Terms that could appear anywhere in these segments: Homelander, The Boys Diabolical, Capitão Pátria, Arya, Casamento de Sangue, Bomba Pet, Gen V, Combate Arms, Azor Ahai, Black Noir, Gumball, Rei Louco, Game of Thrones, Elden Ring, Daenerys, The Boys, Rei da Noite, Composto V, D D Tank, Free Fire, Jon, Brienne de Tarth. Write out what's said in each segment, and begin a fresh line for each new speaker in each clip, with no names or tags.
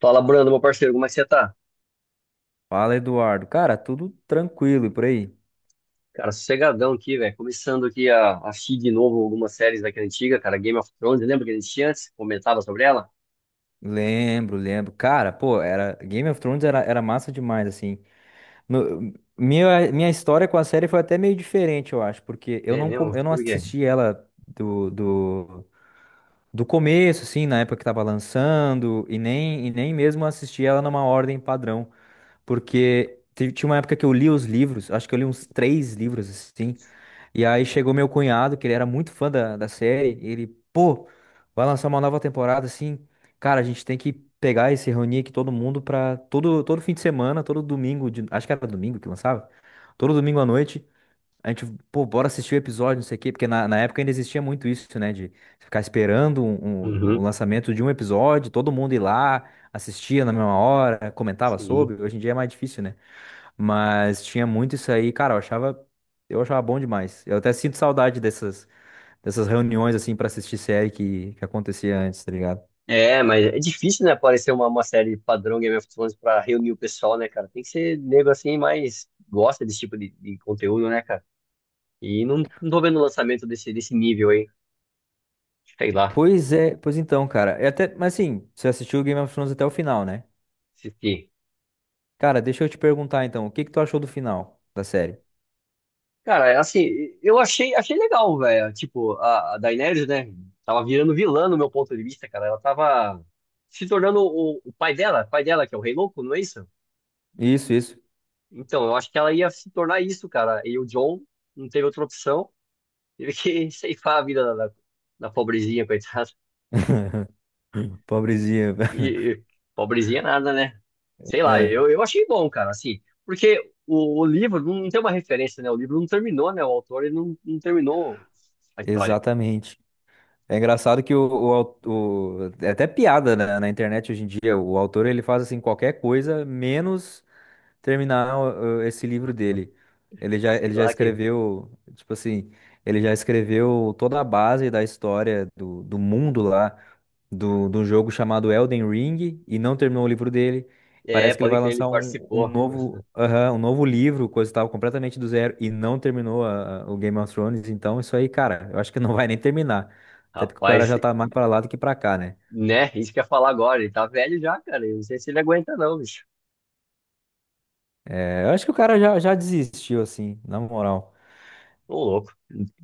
Fala, Brando, meu parceiro, como é que você tá?
Fala, Eduardo. Cara, tudo tranquilo e por aí?
Cara, sossegadão aqui, velho. Começando aqui a assistir de novo algumas séries daquela antiga, cara. Game of Thrones, lembra que a gente tinha antes? Comentava sobre ela?
Lembro, lembro. Cara, pô, era Game of Thrones era massa demais, assim. No- minha história com a série foi até meio diferente, eu acho, porque
É mesmo?
eu não
Por quê?
assisti ela do começo, assim, na época que tava lançando, e nem mesmo assisti ela numa ordem padrão, porque tinha uma época que eu li os livros, acho que eu li uns três livros, assim. E aí chegou meu cunhado, que ele era muito fã da série, e ele, pô, vai lançar uma nova temporada assim. Cara, a gente tem que pegar e se reunir aqui todo mundo pra todo fim de semana, todo domingo, acho que era domingo que lançava, todo domingo à noite. A gente, pô, bora assistir o episódio, não sei o quê, porque na época ainda existia muito isso, né? De ficar esperando o
Uhum,
lançamento de um episódio, todo mundo ir lá, assistia na mesma hora, comentava
sim.
sobre. Hoje em dia é mais difícil, né? Mas tinha muito isso aí, cara, eu achava bom demais. Eu até sinto saudade dessas, dessas reuniões, assim, pra assistir série que acontecia antes, tá ligado?
É, mas é difícil, né, aparecer uma série padrão Game of Thrones pra reunir o pessoal, né, cara? Tem que ser nego assim, mas gosta desse tipo de conteúdo, né, cara? E não, não tô vendo o lançamento desse, desse nível aí. Sei lá.
Pois é, pois então, cara. É até, mas assim, você assistiu Game of Thrones até o final, né?
Assistir.
Cara, deixa eu te perguntar então, o que que tu achou do final da série?
Cara, é assim, achei legal, velho. Tipo, a Daenerys, né? Tava virando vilã no meu ponto de vista, cara. Ela tava se tornando o pai dela, que é o Rei Louco, não é isso?
Isso, isso.
Então, eu acho que ela ia se tornar isso, cara. E o Jon não teve outra opção. Teve que ceifar a vida da, da, da pobrezinha, coitada.
Pobrezinha.
E, e- Pobrezinha nada, né? Sei lá,
É,
eu achei bom, cara, assim. Porque o livro não tem uma referência, né? O livro não terminou, né? O autor ele não, não terminou a história.
exatamente. É engraçado que é até piada na internet hoje em dia. O autor ele faz assim qualquer coisa menos terminar esse livro dele. Ele já,
Sei
ele já
lá que.
escreveu, tipo assim, ele já escreveu toda a base da história do mundo lá, do jogo chamado Elden Ring, e não terminou o livro dele.
É,
Parece que ele
pode
vai
crer, ele
lançar um
participou.
novo, aham, um novo livro, coisa e tal, completamente do zero, e não terminou o Game of Thrones. Então, isso aí, cara, eu acho que não vai nem terminar. Até porque o cara
Rapaz,
já tá mais pra lá do que pra cá, né?
né? Isso que eu ia falar agora. Ele tá velho já, cara. Eu não sei se ele aguenta, não, bicho.
É, eu acho que o cara já desistiu, assim, na moral.
Ô, louco.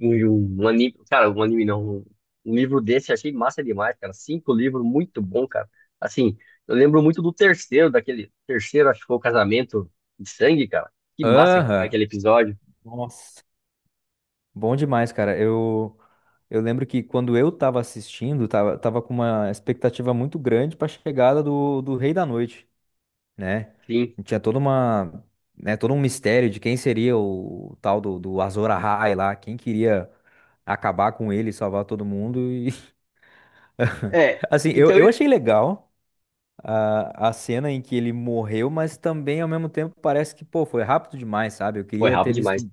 Um anime, cara, um anime não. Um um livro desse eu achei massa demais, cara. Cinco livros, muito bom, cara. Assim, eu lembro muito do terceiro, daquele terceiro, acho que foi o Casamento de Sangue, cara. Que massa que foi
Aham.
aquele episódio.
Nossa. Bom demais, cara. Eu lembro que quando eu tava assistindo, tava com uma expectativa muito grande pra chegada do Rei da Noite, né?
Sim.
E tinha toda uma, né, todo um mistério de quem seria o tal do Azor Ahai lá, quem queria acabar com ele, salvar todo mundo. E
É,
assim,
então.
eu achei legal a cena em que ele morreu, mas também ao mesmo tempo parece que, pô, foi rápido demais, sabe? Eu
Foi
queria ter
rápido demais.
visto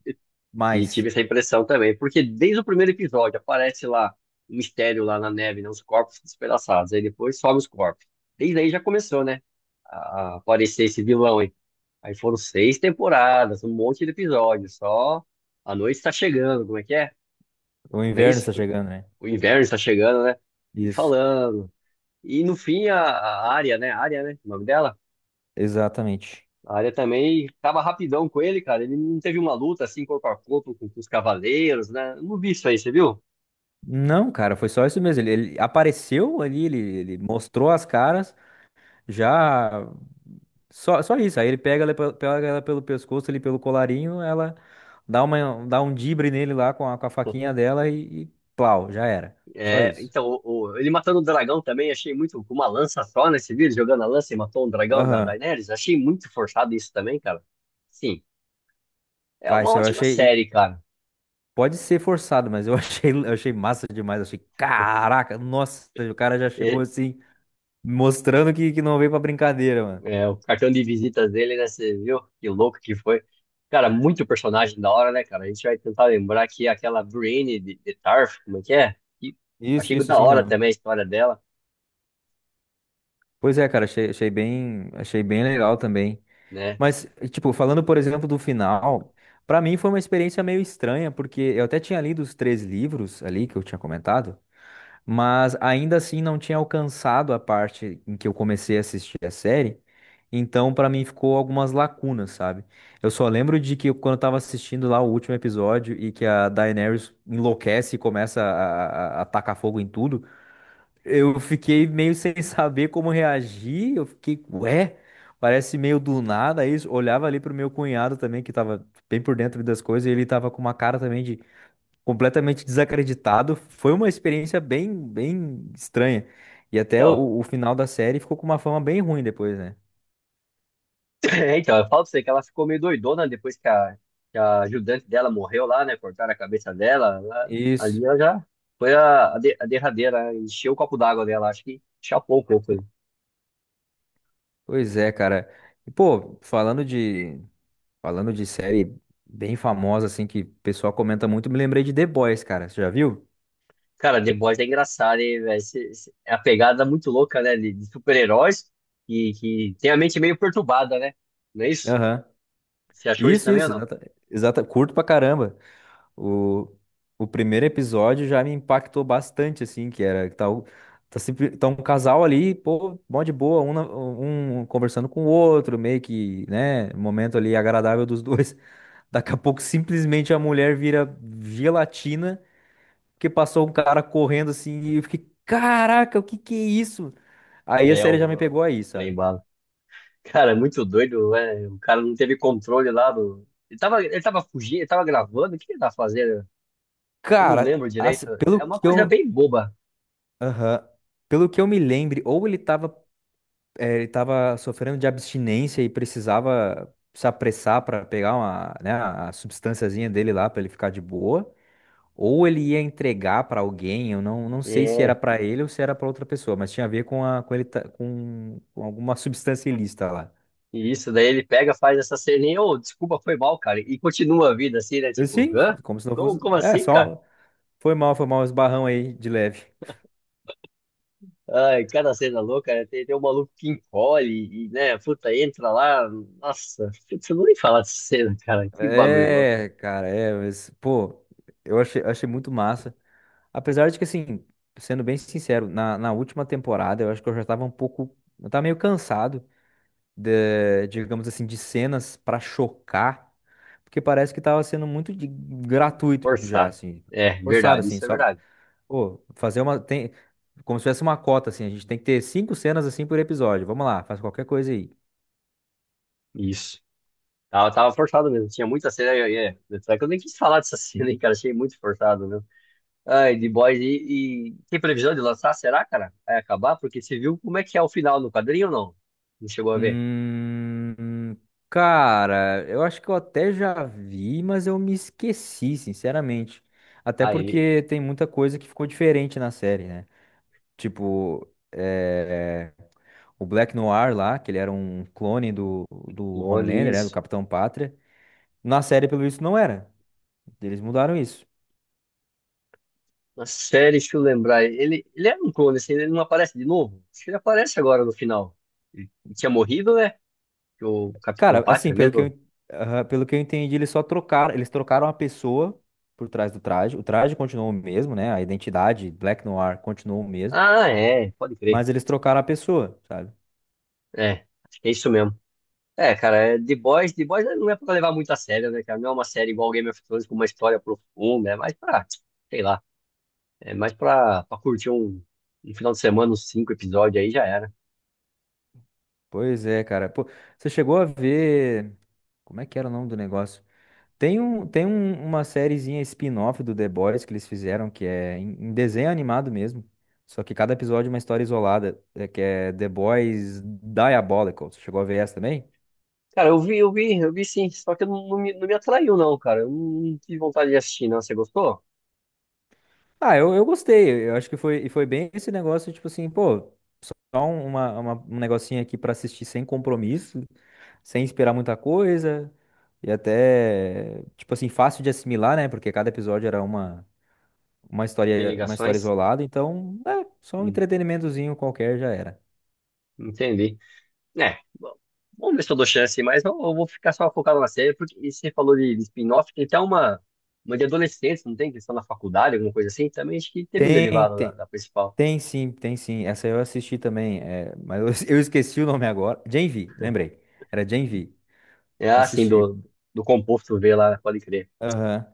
E tive
mais.
essa impressão também, porque desde o primeiro episódio aparece lá um mistério lá na neve, né? Os corpos despedaçados. Aí depois sobe os corpos. Desde aí já começou, né? A aparecer esse vilão aí. Aí foram seis temporadas, um monte de episódios. Só a noite está chegando, como é que é?
O
Não é
inverno
isso?
está chegando, né?
O inverno está chegando, né? E
Isso.
falando. E no fim a Arya, né? Arya, né? O nome dela?
Exatamente.
A área também tava rapidão com ele, cara. Ele não teve uma luta assim, corpo a corpo, com os cavaleiros, né? Eu não vi isso aí, você viu?
Não, cara, foi só isso mesmo. Ele apareceu ali, ele mostrou as caras, já. Só, só isso. Aí ele pega ela, pega ela pelo pescoço, ali pelo colarinho, ela dá um dibre nele lá com a faquinha dela e plau, já era. Só
É,
isso.
então, ele matando o dragão também, achei muito. Com uma lança só nesse vídeo, jogando a lança e matou um dragão da
Aham.
Daenerys. Achei muito forçado isso também, cara. Sim, é
Ah,
uma
isso eu
ótima
achei.
série, cara.
Pode ser forçado, mas eu achei, eu achei massa demais. Eu achei, caraca, nossa, o cara já chegou
E-
assim, mostrando que não veio pra brincadeira, mano.
o cartão de visitas dele, né? Você viu? Que louco que foi. Cara, muito personagem da hora, né, cara? A gente vai tentar lembrar que aquela Brienne de Tarth, como é que é? E
Isso,
achei
isso,
da
assim
hora
mesmo.
também a história dela.
Pois é, cara, achei bem legal também.
Né?
Mas, tipo, falando, por exemplo, do final, pra mim foi uma experiência meio estranha, porque eu até tinha lido os três livros ali que eu tinha comentado, mas ainda assim não tinha alcançado a parte em que eu comecei a assistir a série. Então, pra mim ficou algumas lacunas, sabe? Eu só lembro de que quando eu tava assistindo lá o último episódio e que a Daenerys enlouquece e começa a tacar fogo em tudo, eu fiquei meio sem saber como reagir. Eu fiquei, ué, parece meio do nada isso. Olhava ali pro meu cunhado também, que tava bem por dentro das coisas, e ele tava com uma cara também de completamente desacreditado. Foi uma experiência bem estranha. E até
Então,
o final da série ficou com uma fama bem ruim depois, né?
então, eu falo pra você que ela ficou meio doidona depois que a ajudante dela morreu lá, né? Cortaram a cabeça dela.
Isso.
Ali ela já foi a, a derradeira, né? Encheu o copo d'água dela, acho que chapou um pouco. Né?
Pois é, cara. E, pô, falando de série bem famosa, assim, que o pessoal comenta muito, me lembrei de The Boys, cara. Você já viu?
Cara, The Boys é engraçado, hein, velho? É a pegada muito louca, né? De super-heróis que tem a mente meio perturbada, né? Não é isso?
Aham.
Você achou isso também ou não?
Exata, curto pra caramba. O, o primeiro episódio já me impactou bastante, assim, que era, que tá, tá, sempre, tá um casal ali, pô, mó de boa, um, um conversando com o outro, meio que, né, momento ali agradável dos dois. Daqui a pouco, simplesmente, a mulher vira gelatina, porque passou um cara correndo, assim, e eu fiquei, caraca, o que que é isso? Aí a
É,
série já me
o
pegou aí,
trem.
sabe?
Cara, é muito doido, né? O cara não teve controle lá do. Ele tava fugindo, ele tava gravando, o que ele tava fazendo? Eu não
Cara,
lembro
assim,
direito. É
pelo
uma
que
coisa
eu...
bem boba.
Aham. Pelo que eu me lembro, ou ele tava ele estava sofrendo de abstinência e precisava se apressar para pegar uma, né, a substânciazinha dele lá para ele ficar de boa. Ou ele ia entregar para alguém, eu não sei se
É,
era para ele ou se era para outra pessoa, mas tinha a ver com, a, com com alguma substância ilícita lá.
e isso, daí ele pega, faz essa ceninha, ô, desculpa, foi mal, cara. E continua a vida assim, né? Tipo,
Assim,
hã?
como se não
Como,
fosse.
como
É,
assim, cara?
só. Foi mal, um esbarrão aí de leve.
Ai, cada cena louca, né? Tem um maluco que encolhe e, né, puta, entra lá. Nossa, putz, eu não nem falar dessa cena, cara. Que bagulho louco.
É, cara, é, mas, pô, eu achei, achei muito massa. Apesar de que, assim, sendo bem sincero, na última temporada eu acho que eu já tava um pouco. Eu tava meio cansado de, digamos assim, de cenas pra chocar, porque parece que tava sendo muito gratuito já,
Forçar.
assim,
É,
forçado,
verdade,
assim,
isso é
só.
verdade.
Pô, fazer uma. Tem, como se tivesse uma cota, assim, a gente tem que ter 5 cenas assim por episódio. Vamos lá, faz qualquer coisa aí.
Isso. Tava forçado mesmo. Tinha muita cena. Tanto é que eu nem quis falar dessa cena, hein, cara. Achei muito forçado mesmo. Ai, The Boys. E tem previsão de lançar? Será, cara? Vai acabar? Porque você viu como é que é o final no quadrinho ou não? Não chegou a ver?
Hum, cara, eu acho que eu até já vi, mas eu me esqueci, sinceramente. Até
Ah, ele.
porque tem muita coisa que ficou diferente na série, né? Tipo, é, o Black Noir lá, que ele era um clone do
Clone,
Homelander, né? Do
isso.
Capitão Pátria. Na série, pelo visto, não era. Eles mudaram isso.
Na série, deixa eu lembrar. Ele era um clone, assim, ele não aparece de novo? Acho que ele aparece agora no final. Ele tinha morrido, né? Que O Capitão
Cara, assim,
Pátria
pelo que
mesmo?
eu, aham, pelo que eu entendi, eles trocaram a pessoa por trás do traje. O traje continuou o mesmo, né? A identidade Black Noir continuou o mesmo.
Ah, é. Pode crer.
Mas eles trocaram a pessoa, sabe?
É. Acho que é isso mesmo. É, cara, é The Boys, The Boys não é pra levar muito a sério, né, cara? Não é uma série igual Game of Thrones com uma história profunda, é mais pra, sei lá, é mais pra, pra curtir um, um final de semana, uns cinco episódios aí já era.
Pois é, cara. Pô, você chegou a ver. Como é que era o nome do negócio? Tem, um, uma sériezinha spin-off do The Boys que eles fizeram, que é em, em desenho animado mesmo. Só que cada episódio é uma história isolada, é, que é The Boys Diabolical. Você chegou a ver essa também?
Cara, eu vi, eu vi, eu vi sim, só que não, não me atraiu não, cara. Eu não tive vontade de assistir, não. Você gostou?
Ah, eu gostei. Eu acho que foi, e foi bem esse negócio, tipo assim, pô, só um negocinho aqui pra assistir sem compromisso, sem esperar muita coisa e até, tipo assim, fácil de assimilar, né? Porque cada episódio era uma,
Tem
uma história
ligações?
isolada, então, é, só um
Hum,
entretenimentozinho qualquer já era.
entendi. É, bom, vamos ver se eu dou chance, mas eu vou ficar só focado na série, porque e você falou de spin-off, tem até uma de adolescentes, não tem? Questão na faculdade, alguma coisa assim, também acho que teve um
Tem,
derivado da,
tem,
da principal.
tem sim, tem sim. Essa eu assisti também, é, mas eu eu esqueci o nome agora. Gen V, lembrei. Era Gen V.
É assim,
Assisti.
do composto V lá, pode crer.
Aham.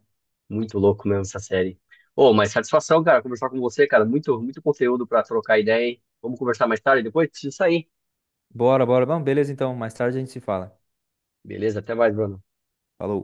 Muito louco mesmo essa série. Ô, mas satisfação, cara, conversar com você, cara, muito, muito conteúdo pra trocar ideia, hein? Vamos conversar mais tarde, depois preciso sair.
Bora, bora. Vamos, beleza então. Mais tarde a gente se fala.
Beleza, até mais, Bruno.
Falou.